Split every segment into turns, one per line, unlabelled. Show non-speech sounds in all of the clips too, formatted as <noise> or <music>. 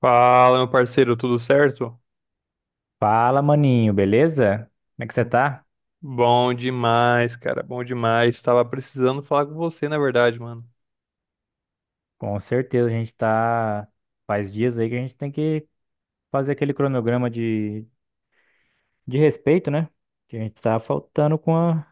Fala, meu parceiro, tudo certo?
Fala, maninho, beleza? Como é que você tá?
Bom demais, cara, bom demais. Tava precisando falar com você, na verdade, mano.
Com certeza a gente tá. Faz dias aí que a gente tem que fazer aquele cronograma de respeito, né? Que a gente tá faltando com a.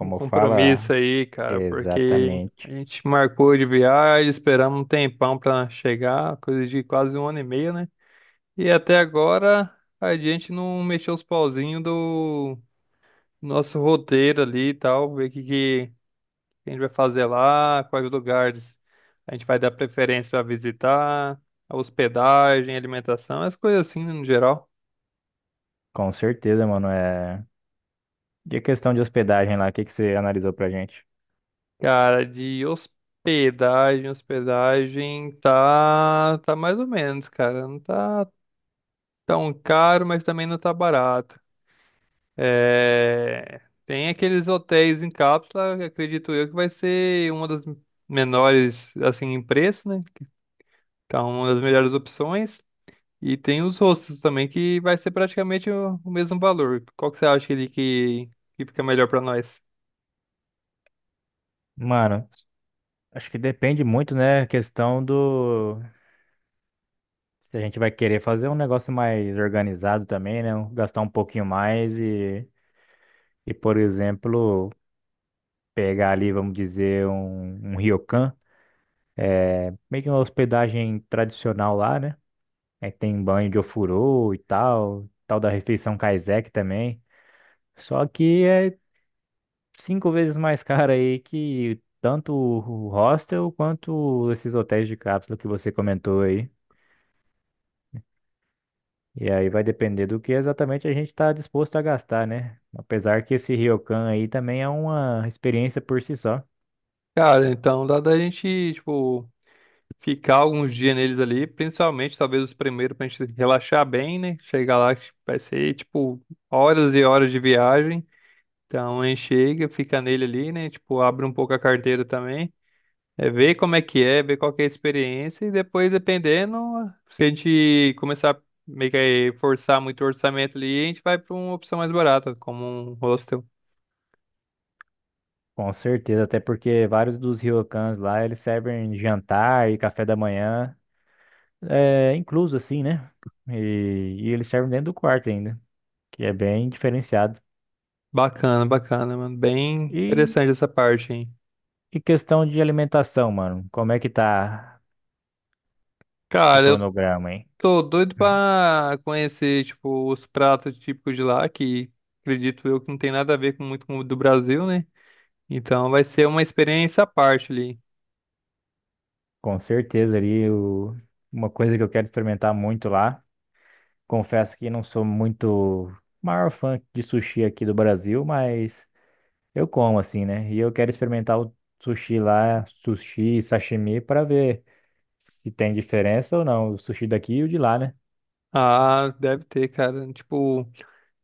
Um compromisso
fala.
aí, cara, porque a
Exatamente.
gente marcou de viagem, esperamos um tempão pra chegar, coisa de quase um ano e meio, né? E até agora a gente não mexeu os pauzinhos do nosso roteiro ali e tal, ver o que, que a gente vai fazer lá, quais lugares a gente vai dar preferência para visitar, a hospedagem, alimentação, as coisas assim, né, no geral.
Com certeza, mano. É. E a questão de hospedagem lá, o que que você analisou pra gente?
Cara, de hospedagem, hospedagem tá, tá mais ou menos, cara. Não tá tão caro, mas também não tá barato. É, tem aqueles hotéis em cápsula, que acredito eu que vai ser uma das menores assim em preço, né? Então, uma das melhores opções. E tem os rostos também, que vai ser praticamente o mesmo valor. Qual que você acha que ele que fica melhor pra nós?
Mano, acho que depende muito, né? A questão do. Se a gente vai querer fazer um negócio mais organizado também, né? Gastar um pouquinho mais e. E, por exemplo. Pegar ali, vamos dizer, um ryokan, meio que uma hospedagem tradicional lá, né? Aí tem banho de ofurô e tal, tal da refeição kaiseki também. Só que é cinco vezes mais <laughs> caro aí que tanto o hostel quanto esses hotéis de cápsula que você comentou aí. E aí vai depender do que exatamente a gente está disposto a gastar, né? Apesar que esse ryokan aí também é uma experiência por si só.
Cara, então dá da gente, tipo, ficar alguns dias neles ali, principalmente talvez os primeiros pra gente relaxar bem, né? Chegar lá, que vai ser, tipo, horas e horas de viagem. Então a gente chega, fica nele ali, né? Tipo, abre um pouco a carteira também. É ver como é que é, ver qual que é a experiência e depois, dependendo, se a gente começar meio que a forçar muito o orçamento ali, a gente vai para uma opção mais barata, como um hostel.
Com certeza, até porque vários dos ryokans lá, eles servem jantar e café da manhã, incluso assim, né? E eles servem dentro do quarto ainda, que é bem diferenciado.
Bacana, bacana, mano. Bem
E,
interessante essa parte, hein?
e questão de alimentação, mano, como é que tá o
Cara, eu
cronograma, hein?
tô doido
Hum.
pra conhecer, tipo, os pratos típicos de lá, que acredito eu que não tem nada a ver com muito com o do Brasil, né? Então vai ser uma experiência à parte ali.
Com certeza ali, uma coisa que eu quero experimentar muito lá, confesso que não sou muito maior fã de sushi aqui do Brasil, mas... Eu como assim, né? E eu quero experimentar o sushi lá, sushi, sashimi, para ver se tem diferença ou não, o sushi daqui e o de lá, né?
Ah, deve ter, cara. Tipo.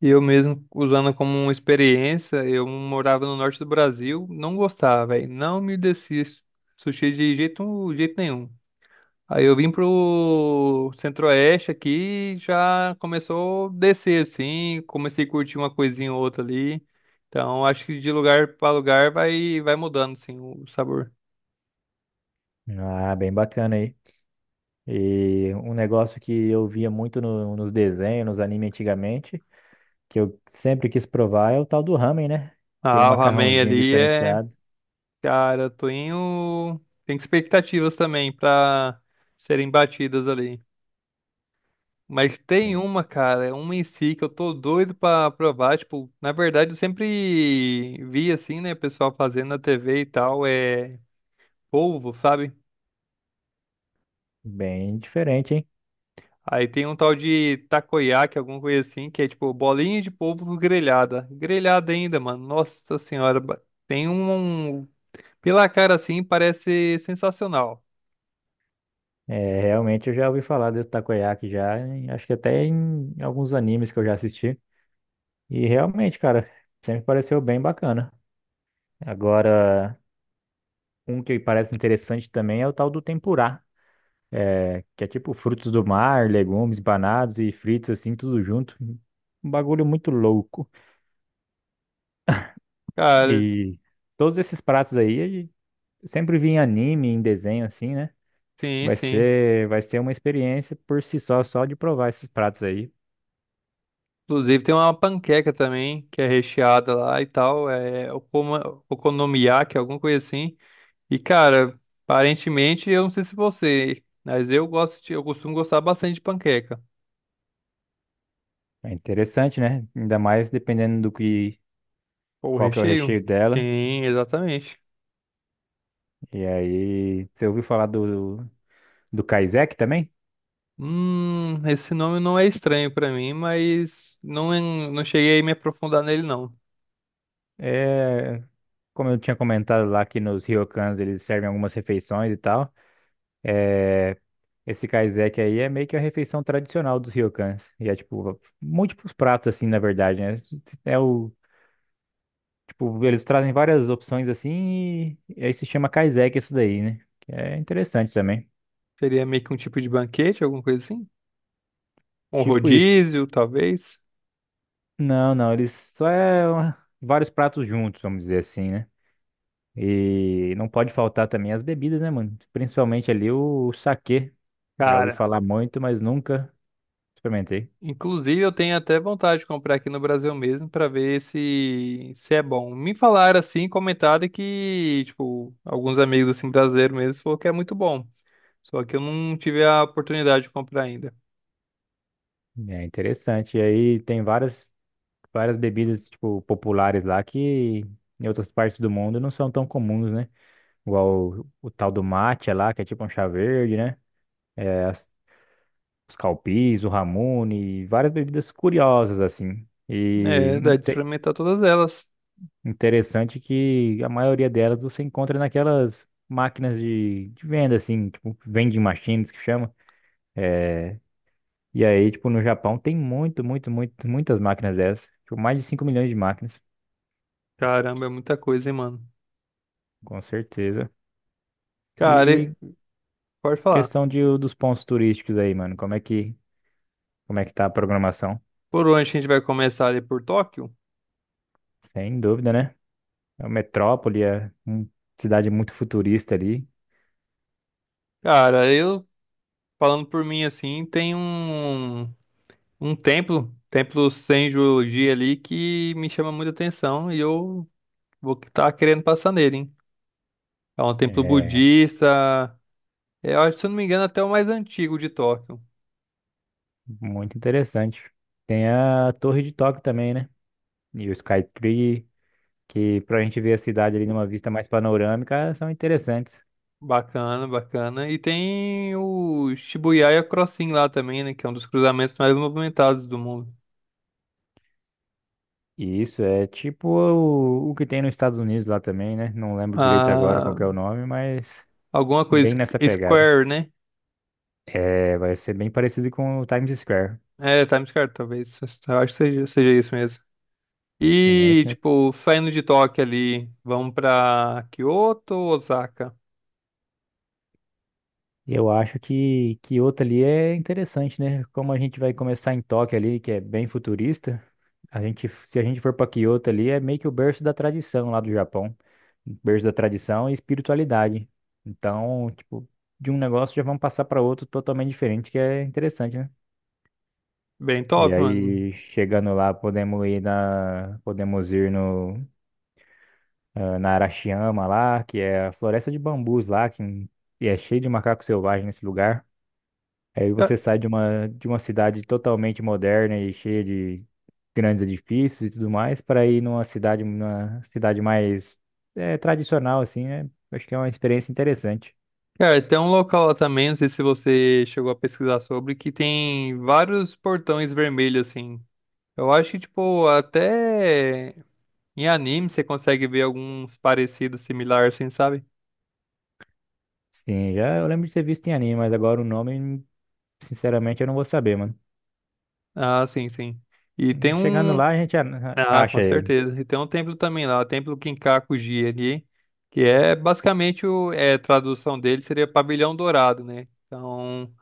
E eu mesmo usando como uma experiência, eu morava no norte do Brasil, não gostava, velho. Não me descia sushi de jeito, jeito nenhum. Aí eu vim pro centro-oeste aqui, já começou a descer assim, comecei a curtir uma coisinha ou outra ali. Então acho que de lugar pra lugar vai mudando assim o sabor.
Ah, bem bacana aí. E um negócio que eu via muito nos desenhos, nos animes antigamente, que eu sempre quis provar é o tal do ramen, né? Aquele
Ah, o ramen
macarrãozinho
ali é,
diferenciado,
cara, eu tô indo... tem expectativas também pra serem batidas ali. Mas tem uma, cara, é uma em si que eu tô doido pra provar. Tipo, na verdade, eu sempre vi assim, né, pessoal fazendo na TV e tal, é polvo, sabe?
bem diferente, hein?
Aí tem um tal de takoyaki, alguma coisa assim, que é tipo bolinha de polvo grelhada. Grelhada ainda, mano. Nossa senhora, tem pela cara assim, parece sensacional.
É, realmente eu já ouvi falar do takoyaki já, acho que até em alguns animes que eu já assisti. E realmente, cara, sempre pareceu bem bacana. Agora, um que parece interessante também é o tal do tempurá, que é tipo frutos do mar, legumes, banados e fritos assim, tudo junto. Um bagulho muito louco.
Cara,
E todos esses pratos aí, eu sempre vi em anime, em desenho assim, né?
sim,
Vai
sim.
ser, vai ser uma experiência por si só, só de provar esses pratos aí.
Inclusive tem uma panqueca também, que é recheada lá e tal. É okonomiyaki, alguma coisa assim. E cara, aparentemente, eu não sei se você, mas eu gosto de, eu costumo gostar bastante de panqueca.
É interessante, né? Ainda mais dependendo do que,
Ou
qual que é o
recheio?
recheio dela.
Sim, exatamente.
E aí, você ouviu falar do, do Kaisek também?
Esse nome não é estranho pra mim, mas não, não cheguei a me aprofundar nele não.
É, como eu tinha comentado lá que nos ryokans eles servem algumas refeições e tal, esse kaiseki aí é meio que a refeição tradicional dos ryokans. E é tipo múltiplos pratos assim, na verdade, né? É o tipo eles trazem várias opções assim e aí se chama kaiseki isso daí, né? Que é interessante também.
Seria meio que um tipo de banquete, alguma coisa assim? Um
Tipo isso.
rodízio, talvez?
Não, não, eles só é uma- vários pratos juntos, vamos dizer assim, né? E não pode faltar também as bebidas, né, mano? Principalmente ali o saquê. Já ouvi
Cara,
falar muito, mas nunca experimentei.
inclusive eu tenho até vontade de comprar aqui no Brasil mesmo pra ver se é bom. Me falaram assim, comentaram que, tipo, alguns amigos assim brasileiros mesmo falou que é muito bom. Só que eu não tive a oportunidade de comprar ainda.
É interessante. E aí tem várias, várias bebidas, tipo, populares lá que em outras partes do mundo não são tão comuns, né? Igual o tal do matcha lá, que é tipo um chá verde, né? É os calpis, o ramune, várias bebidas curiosas, assim. E
É, dá de experimentar todas elas.
interessante que a maioria delas você encontra naquelas máquinas de venda, assim, tipo, vending machines que chama. E aí, tipo, no Japão tem muito, muito, muito, muitas máquinas dessas. Tipo, mais de 5 milhões de máquinas.
Caramba, é muita coisa, hein, mano.
Com certeza.
Cara,
E
pode falar.
questão de, dos pontos turísticos aí, mano, como é que tá a programação?
Por onde a gente vai começar ali por Tóquio?
Sem dúvida, né? É uma metrópole, é uma cidade muito futurista ali,
Cara, falando por mim assim, tem um, um templo, templo Senju-ji ali, que me chama muita atenção e eu vou estar querendo passar nele, hein? É um templo
é
budista, é, eu acho, se eu não me engano, até o mais antigo de Tóquio.
muito interessante. Tem a Torre de Tóquio também, né? E o Skytree, que pra gente ver a cidade ali numa vista mais panorâmica, são interessantes.
Bacana, bacana. E tem o Shibuya Crossing lá também, né? Que é um dos cruzamentos mais movimentados do mundo.
E isso, é tipo o que tem nos Estados Unidos lá também, né? Não lembro direito agora qual
Ah,
que é o nome, mas
alguma coisa.
bem nessa pegada.
Square, né?
É, vai ser bem parecido com o Times Square.
É, Times Square, talvez. Eu acho que seja isso mesmo.
Sim, é
E,
isso mesmo.
tipo, saindo de Tóquio ali, vamos pra Kyoto ou Osaka?
E eu acho que Kyoto ali é interessante, né? Como a gente vai começar em Tóquio ali, que é bem futurista, a gente, se a gente for para Kyoto ali, é meio que o berço da tradição lá do Japão. Berço da tradição e espiritualidade. Então, tipo, de um negócio já vamos passar para outro totalmente diferente, que é interessante, né?
Bem
E
top, mano.
aí, chegando lá, podemos ir na, podemos ir no na Arashiyama lá, que é a floresta de bambus lá, que e é cheio de macaco selvagem nesse lugar. Aí você
Ca-
sai de uma cidade totalmente moderna e cheia de grandes edifícios e tudo mais, para ir numa cidade mais tradicional, assim, né? Acho que é uma experiência interessante.
Cara, tem um local lá também, não sei se você chegou a pesquisar sobre, que tem vários portões vermelhos, assim. Eu acho que, tipo, até. Em anime, você consegue ver alguns parecidos, similares, assim, sabe?
Sim, já eu lembro de ter visto em anime, mas agora o nome, sinceramente, eu não vou saber, mano.
Ah, sim, sim. E tem
Chegando
um.
lá, a gente
Ah, com
acha ele.
certeza. E tem um templo também lá, o Templo Kinkaku-ji ali, que é basicamente o. É, a tradução dele seria Pavilhão Dourado, né? Então,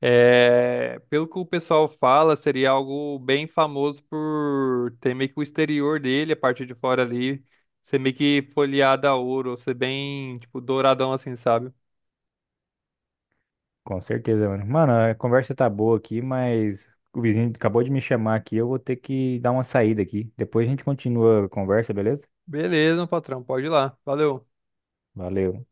é, pelo que o pessoal fala, seria algo bem famoso por ter meio que o exterior dele, a parte de fora ali, ser meio que folheada a ouro, ser bem, tipo, douradão assim, sabe?
Com certeza, mano. Mano, a conversa tá boa aqui, mas o vizinho acabou de me chamar aqui. Eu vou ter que dar uma saída aqui. Depois a gente continua a conversa, beleza?
Beleza, meu patrão, pode ir lá. Valeu.
Valeu.